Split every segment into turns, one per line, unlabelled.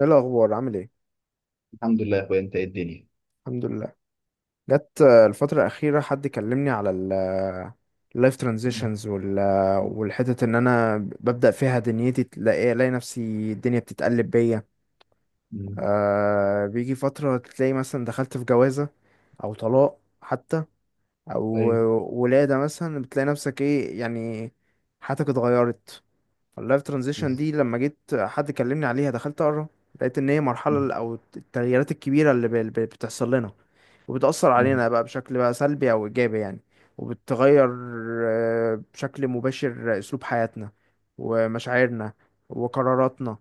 ايه الاخبار؟ عامل ايه؟
الحمد لله يا اخويا، انت ايه الدنيا؟
الحمد لله. جت الفتره الاخيره حد كلمني على اللايف
مم.
ترانزيشنز وال والحتت ان انا ببدا فيها دنيتي الاقي نفسي، الدنيا بتتقلب بيا.
مم.
بيجي فتره تلاقي مثلا دخلت في جوازه او طلاق حتى او
طيب.
ولاده مثلا، بتلاقي نفسك ايه يعني، حياتك اتغيرت. اللايف ترانزيشن
بس.
دي لما جيت حد كلمني عليها دخلت اقرا، لقيت ان هي مرحله
مم.
او التغييرات الكبيره اللي بتحصل لنا وبتاثر
مم.
علينا بقى بشكل بقى سلبي او ايجابي يعني، وبتغير بشكل مباشر اسلوب حياتنا ومشاعرنا وقراراتنا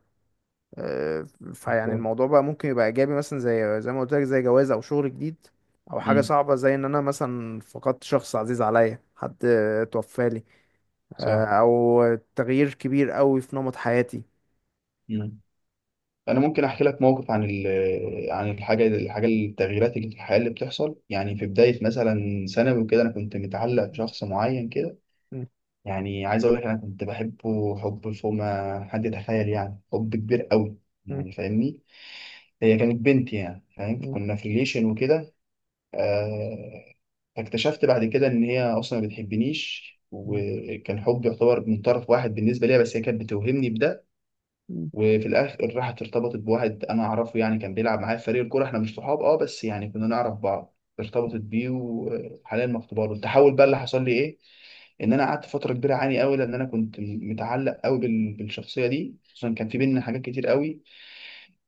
آه، فيعني
بالظبط.
الموضوع بقى ممكن يبقى ايجابي، مثلا زي ما قلت لك، زي جواز او شغل جديد، او حاجه
مم.
صعبه زي ان انا مثلا فقدت شخص عزيز عليا، حد توفى لي آه،،
صح.
او تغيير كبير قوي في نمط حياتي.
مم. انا ممكن احكي لك موقف عن عن الحاجه الحاجه التغييرات اللي في الحياه اللي بتحصل. يعني في بدايه مثلا ثانوي وكده، انا كنت متعلق بشخص معين كده.
مم.
يعني عايز اقول لك، انا كنت بحبه حب فوق ما حد يتخيل، يعني حب كبير قوي،
مم.
يعني فاهمني. هي كانت بنت، يعني فاهم،
مم.
كنا في ريليشن وكده. آه، فاكتشفت بعد كده ان هي اصلا ما بتحبنيش،
مم.
وكان حب يعتبر من طرف واحد بالنسبه ليها، بس هي كانت بتوهمني بده.
مم.
وفي الاخر راحت ارتبطت بواحد انا اعرفه، يعني كان بيلعب معايا في فريق الكوره. احنا مش صحاب، اه بس يعني كنا نعرف بعض. ارتبطت بيه وحاليا مخطوبه له. التحول بقى اللي حصل لي ايه؟ ان انا قعدت فتره كبيره اعاني قوي، لان انا كنت متعلق قوي بالشخصيه دي، خصوصا كان في بينا حاجات كتير قوي.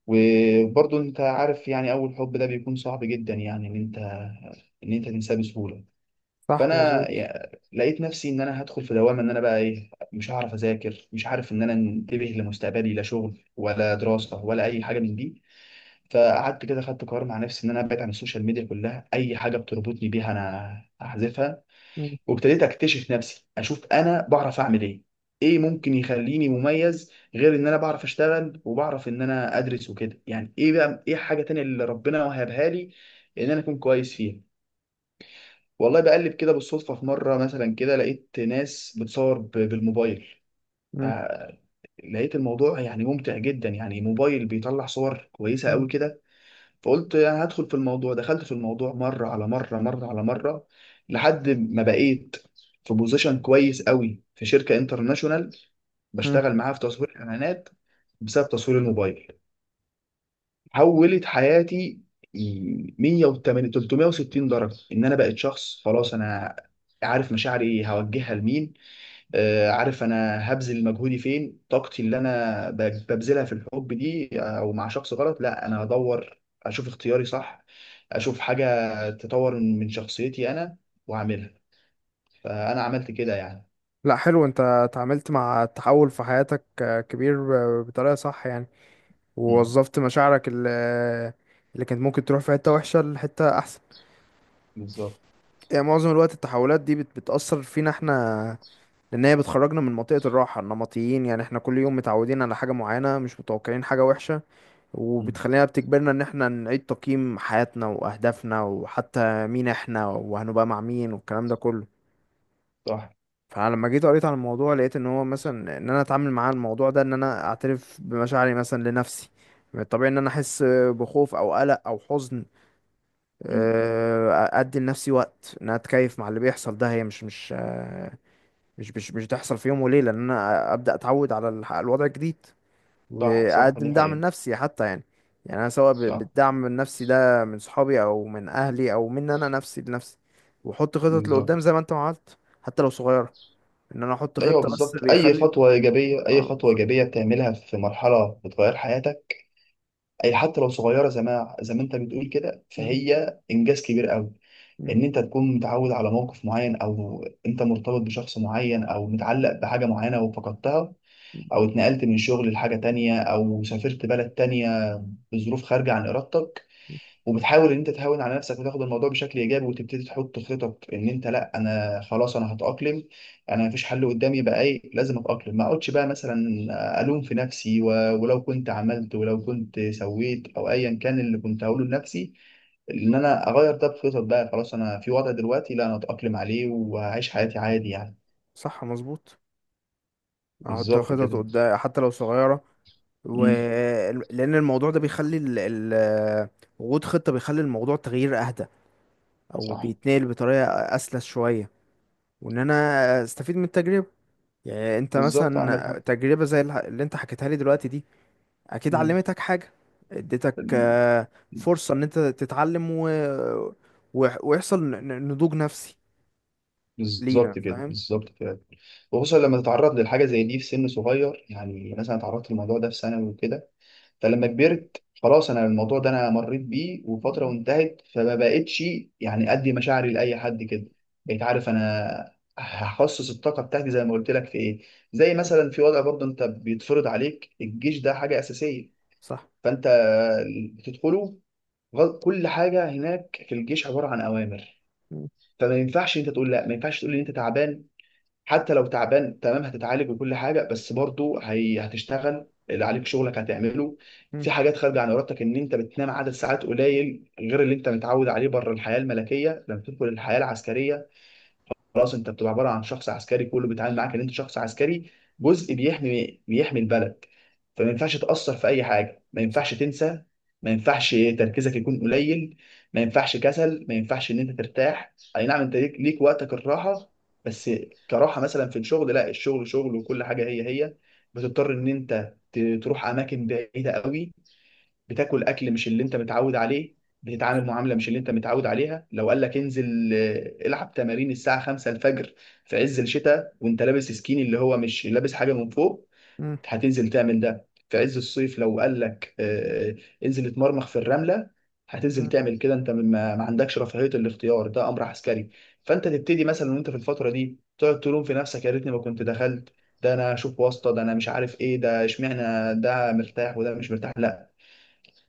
وبرضه انت عارف يعني اول حب ده بيكون صعب جدا، يعني ان انت ان انت تنساه بسهوله.
صح
فانا
مظبوط.
لقيت نفسي ان انا هدخل في دوامه، ان انا بقى ايه، مش هعرف اذاكر، مش عارف ان انا انتبه لمستقبلي، لا شغل ولا دراسه ولا اي حاجه من دي. فقعدت كده، خدت قرار مع نفسي ان انا ابعد عن السوشيال ميديا كلها، اي حاجه بتربطني بيها انا هحذفها.
مم.
وابتديت اكتشف نفسي، اشوف انا بعرف اعمل ايه، ايه ممكن يخليني مميز غير ان انا بعرف اشتغل وبعرف ان انا ادرس وكده. يعني ايه بقى، ايه حاجه تانية اللي ربنا وهبها لي ان انا اكون كويس فيها. والله بقلب كده بالصدفة في مرة مثلا كده، لقيت ناس بتصور بالموبايل. ف-
مم.
لقيت الموضوع يعني ممتع جدا، يعني موبايل بيطلع صور كويسة
مم.
قوي كده. فقلت انا هدخل في الموضوع. دخلت في الموضوع، مرة على مرة، لحد ما بقيت في بوزيشن كويس قوي في شركة انترناشونال،
مم.
بشتغل معاها في تصوير اعلانات بسبب تصوير الموبايل. حولت حياتي 180 360 درجه، ان انا بقيت شخص خلاص انا عارف مشاعري هوجهها لمين. عارف انا هبذل مجهودي فين، طاقتي اللي انا ببذلها في الحب دي او مع شخص غلط، لا انا هدور اشوف اختياري صح، اشوف حاجه تطور من شخصيتي انا واعملها. فانا عملت كده يعني.
لا حلو، انت اتعاملت مع التحول في حياتك، كبير، بطريقة صح يعني،
مم.
ووظفت مشاعرك اللي كانت ممكن تروح في حتة وحشة لحتة احسن.
بالظبط.
يعني معظم الوقت التحولات دي بتأثر فينا احنا، لان هي بتخرجنا من منطقة الراحة، النمطيين يعني احنا كل يوم متعودين على حاجة معينة، مش متوقعين حاجة وحشة،
مم.
وبتخلينا بتجبرنا ان احنا نعيد تقييم حياتنا واهدافنا، وحتى مين احنا وهنبقى مع مين والكلام ده كله.
صح.
فانا لما جيت قريت عن الموضوع، لقيت ان هو مثلا ان انا اتعامل مع الموضوع ده، ان انا اعترف بمشاعري مثلا لنفسي. من الطبيعي ان انا احس بخوف او قلق او حزن.
مم.
ادي لنفسي وقت ان انا اتكيف مع اللي بيحصل ده، هي مش مش آه، مش مش مش تحصل في يوم وليله، ان انا ابدا اتعود على الوضع الجديد،
صح، صح،
واقدم
دي
دعم
حقيقة.
نفسي حتى يعني. يعني انا سواء
صح.
بالدعم النفسي ده من صحابي، او من اهلي، او من انا نفسي لنفسي، واحط خطط
بالظبط.
لقدام زي ما انت ما عملت، حتى لو صغيره، ان انا احط
ايوه
خطه بس
بالظبط، اي
بيخلي.
خطوه ايجابيه، اي
اه
خطوه
بالظبط.
ايجابيه بتعملها في مرحله بتغير حياتك، اي حتى لو صغيره، زي ما انت بتقول كده،
م-
فهي انجاز كبير قوي.
م-
لان انت تكون متعود على موقف معين، او انت مرتبط بشخص معين، او متعلق بحاجه معينه وفقدتها،
م.
او اتنقلت من شغل لحاجه تانية، او سافرت بلد تانية بظروف خارجه عن ارادتك. وبتحاول ان انت تهون على نفسك وتاخد الموضوع بشكل ايجابي، وتبتدي تحط خطط ان انت، لا انا خلاص انا هتاقلم، انا مفيش حل قدامي بقى ايه، لازم اتاقلم. ما اقعدش بقى مثلا الوم في نفسي، و... ولو كنت عملت، ولو كنت سويت، او ايا كان اللي كنت هقوله لنفسي ان انا اغير ده. بخطط بقى، خلاص انا في وضع دلوقتي، لا انا اتاقلم عليه وهعيش حياتي عادي يعني.
صح مظبوط. احط
بالظبط
خطط
كده.
قدام حتى لو صغيره و...
امم.
لان الموضوع ده بيخلي وجود خطه بيخلي الموضوع تغيير اهدى، او
صح.
بيتنقل بطريقه اسلس شويه، وان انا استفيد من التجربه. يعني انت
بالظبط عندك
مثلا،
حق.
تجربة زي اللي انت حكيتها لي دلوقتي دي، اكيد علمتك حاجة، اديتك
مم.
فرصة ان انت تتعلم ويحصل نضوج نفسي لينا،
بالظبط كده،
فاهم.
بالظبط فعلا. وخصوصا لما تتعرض للحاجه زي دي في سن صغير، يعني مثلا اتعرضت للموضوع ده في ثانوي وكده. فلما كبرت خلاص، انا الموضوع ده انا مريت بيه وفتره
مم.
وانتهت، فما بقتش يعني ادي مشاعري لاي حد كده. بقيت عارف انا هخصص الطاقه بتاعتي زي ما قلت لك في ايه. زي مثلا في وضع برضه، انت بيتفرض عليك الجيش، ده حاجه اساسيه.
صح.
فانت بتدخله، كل حاجه هناك في الجيش عباره عن اوامر.
مم.
فما ينفعش انت تقول لا، ما ينفعش تقول ان انت تعبان. حتى لو تعبان تمام، هتتعالج وكل حاجه، بس برضو هي هتشتغل، اللي عليك شغلك هتعمله.
مم.
في حاجات خارجه عن ارادتك، ان انت بتنام عدد ساعات قليل غير اللي انت متعود عليه بره الحياه الملكيه. لما تدخل الحياه العسكريه، خلاص انت بتبقى عباره عن شخص عسكري، كله بيتعامل معاك ان انت شخص عسكري، جزء بيحمي البلد. فما ينفعش تاثر في اي حاجه، ما ينفعش
صح.
تنسى، ما ينفعش تركيزك يكون قليل، ما ينفعش كسل، ما ينفعش ان انت ترتاح. اي نعم انت ليك وقتك الراحه، بس كراحه مثلا في الشغل، لا، الشغل شغل، وكل حاجه هي هي. بتضطر ان انت تروح اماكن بعيده قوي، بتاكل اكل مش اللي انت متعود عليه، بتتعامل معامله مش اللي انت متعود عليها. لو قال لك انزل، العب تمارين الساعه 5 الفجر في عز الشتاء، وانت لابس سكيني اللي هو مش لابس حاجه من فوق،
مم.
هتنزل تعمل ده. في عز الصيف لو قال لك، انزل اتمرمخ في الرمله، هتنزل
مم.
تعمل كده. انت ما عندكش رفاهيه الاختيار، ده امر عسكري. فانت تبتدي مثلا وانت في الفتره دي تقعد تلوم في نفسك، يا ريتني ما كنت دخلت، ده انا اشوف واسطه، ده انا مش عارف ايه، ده اشمعنى ده مرتاح وده مش مرتاح. لا،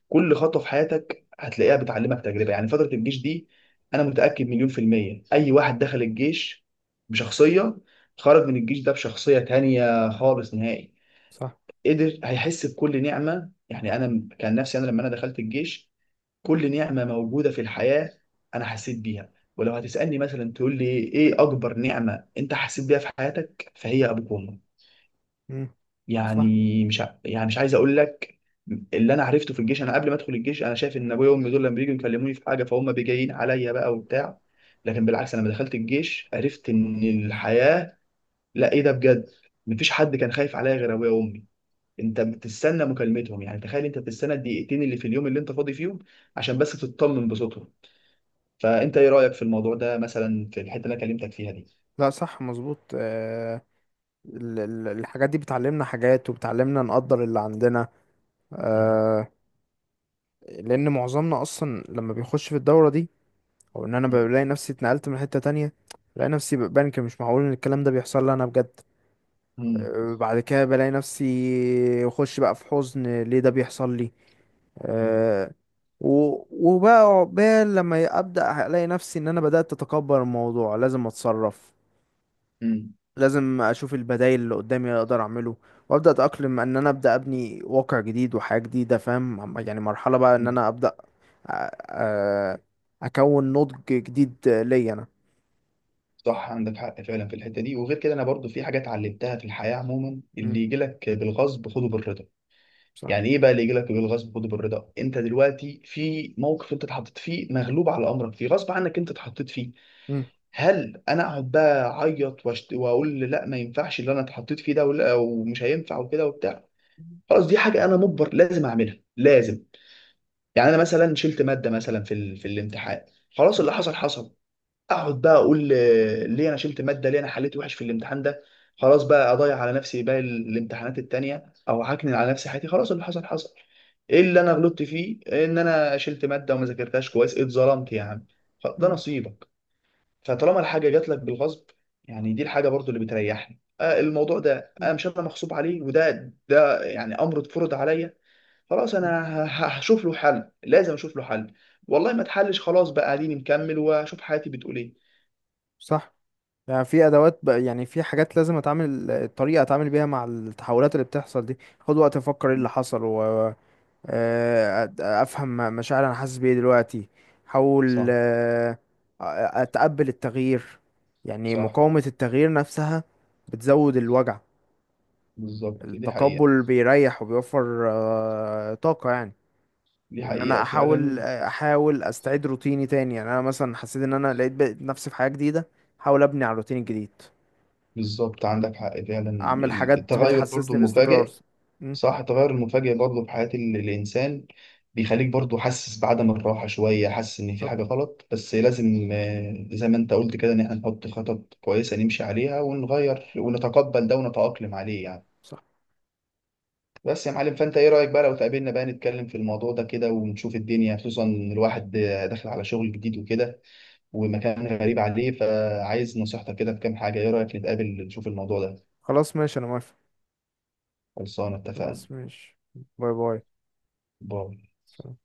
كل خطوه في حياتك هتلاقيها بتعلمك تجربه. يعني فتره الجيش دي، انا متاكد مليون في الميه اي واحد دخل الجيش بشخصيه، خرج من الجيش ده بشخصيه تانية خالص نهائي.
صح.
قدر هيحس بكل نعمه. يعني انا كان نفسي انا لما انا دخلت الجيش، كل نعمه موجوده في الحياه انا حسيت بيها. ولو هتسالني مثلا تقول لي ايه اكبر نعمه انت حسيت بيها في حياتك، فهي ابوك وامك.
مم. صح.
يعني مش ع- يعني مش عايز اقول لك، اللي انا عرفته في الجيش، انا قبل ما ادخل الجيش انا شايف ان ابويا وامي دول لما بييجوا يكلموني في حاجه فهم بيجيين عليا بقى وبتاع. لكن بالعكس، انا لما دخلت الجيش عرفت ان الحياه لا، ايه ده بجد، مفيش حد كان خايف عليا غير ابويا وامي. انت بتستنى مكالمتهم، يعني تخيل، انت بتستنى الدقيقتين اللي في اليوم اللي انت فاضي فيهم عشان بس تطمن بصوتهم. فانت ايه رايك في الموضوع ده مثلا، في الحته اللي انا كلمتك فيها دي؟
لا صح مظبوط. الحاجات دي بتعلمنا حاجات، وبتعلمنا نقدر اللي عندنا.
م-
آه، لأن معظمنا أصلا لما بيخش في الدورة دي، او ان انا
م-
بلاقي نفسي اتنقلت من حتة تانية، بلاقي نفسي، بنك، مش معقول ان الكلام ده بيحصل لي انا بجد. بعد كده بلاقي نفسي اخش بقى في حزن، ليه ده بيحصل لي؟
م-
أه، و- وبقى عقبال لما ابدا الاقي نفسي ان انا بدات اتكبر، الموضوع لازم اتصرف،
م-
لازم اشوف البدائل اللي قدامي اللي اقدر اعمله، وابدا اتاقلم، ان انا ابدا ابني واقع جديد وحياه جديده، فاهم، عم- يعني مرحله بقى ان
م-
انا ابدا أ- أ- اكون نضج جديد ليا انا.
صح عندك حق فعلا في الحته دي. وغير كده، انا برضو في حاجه اتعلمتها في الحياه عموما: اللي يجي لك بالغصب خده بالرضا.
صح.
يعني ايه بقى اللي يجي لك بالغصب خده بالرضا؟ انت دلوقتي في موقف انت اتحطيت فيه، مغلوب على امرك فيه، غصب عنك انت اتحطيت فيه.
مم.
هل انا اقعد بقى اعيط واقول لا ما ينفعش اللي انا اتحطيت فيه ده، ولا ومش هينفع وكده وبتاع؟ خلاص دي حاجه انا مجبر لازم اعملها لازم. يعني انا مثلا شلت ماده مثلا في في الامتحان، خلاص اللي حصل حصل. اقعد بقى اقول ليه انا شلت ماده، ليه انا حليت وحش في الامتحان ده، خلاص بقى اضيع على نفسي باقي الامتحانات التانية، او هكنن على نفسي حياتي؟ خلاص، اللي حصل حصل. ايه اللي انا غلطت فيه ان انا شلت ماده وما ذاكرتهاش كويس؟ اتظلمت يا عم، ده
مم.
نصيبك. فطالما الحاجه جات لك بالغصب، يعني دي الحاجه برضو اللي بتريحني، الموضوع ده
مم.
انا مش، انا مغصوب عليه، وده يعني امر اتفرض عليا. خلاص انا
مم.
هشوف له حل، لازم اشوف له حل. والله ما اتحلش، خلاص بقى قاعدين نكمل واشوف حياتي بتقول ايه.
صح. يعني في ادوات بقى، يعني في حاجات لازم اتعامل الطريقه اتعامل بيها مع التحولات اللي بتحصل دي. خد وقت افكر ايه اللي حصل، و افهم مشاعر انا حاسس بيه دلوقتي، احاول
صح.
آه،، اتقبل التغيير. يعني
صح.
مقاومه التغيير نفسها بتزود الوجع،
بالظبط. دي حقيقة.
التقبل بيريح وبيوفر طاقه يعني.
دي
وان انا
حقيقة
احاول
فعلا.
احاول استعيد روتيني تاني. يعني انا مثلا حسيت ان انا لقيت بقيت نفسي في حاجة جديدة، احاول ابني على الروتين الجديد،
بالظبط عندك حق فعلا.
اعمل حاجات
التغير برضو
بتحسسني باستقرار.
المفاجئ.
مم.
صح، التغير المفاجئ برضو في حياة الإنسان بيخليك برضو حاسس بعدم الراحة شوية، حاسس إن في
بالظبط.
حاجة غلط، بس لازم، زي ما أنت قلت كده، إن إحنا نحط خطط كويسة نمشي عليها، ونغير، ونتقبل ده، ونتأقلم عليه يعني.
صح.
بس يا معلم، فأنت إيه رأيك بقى لو تقابلنا بقى نتكلم في الموضوع ده كده ونشوف الدنيا، خصوصا إن الواحد، داخل على شغل جديد وكده، ومكان غريب عليه، فعايز نصيحتك كده في كام حاجة. إيه رأيك نتقابل نشوف الموضوع ده؟
خلاص ماشي، انا موافق.
خلصانة، اتفقنا.
خلاص ماشي. باي باي.
باي.
سلام.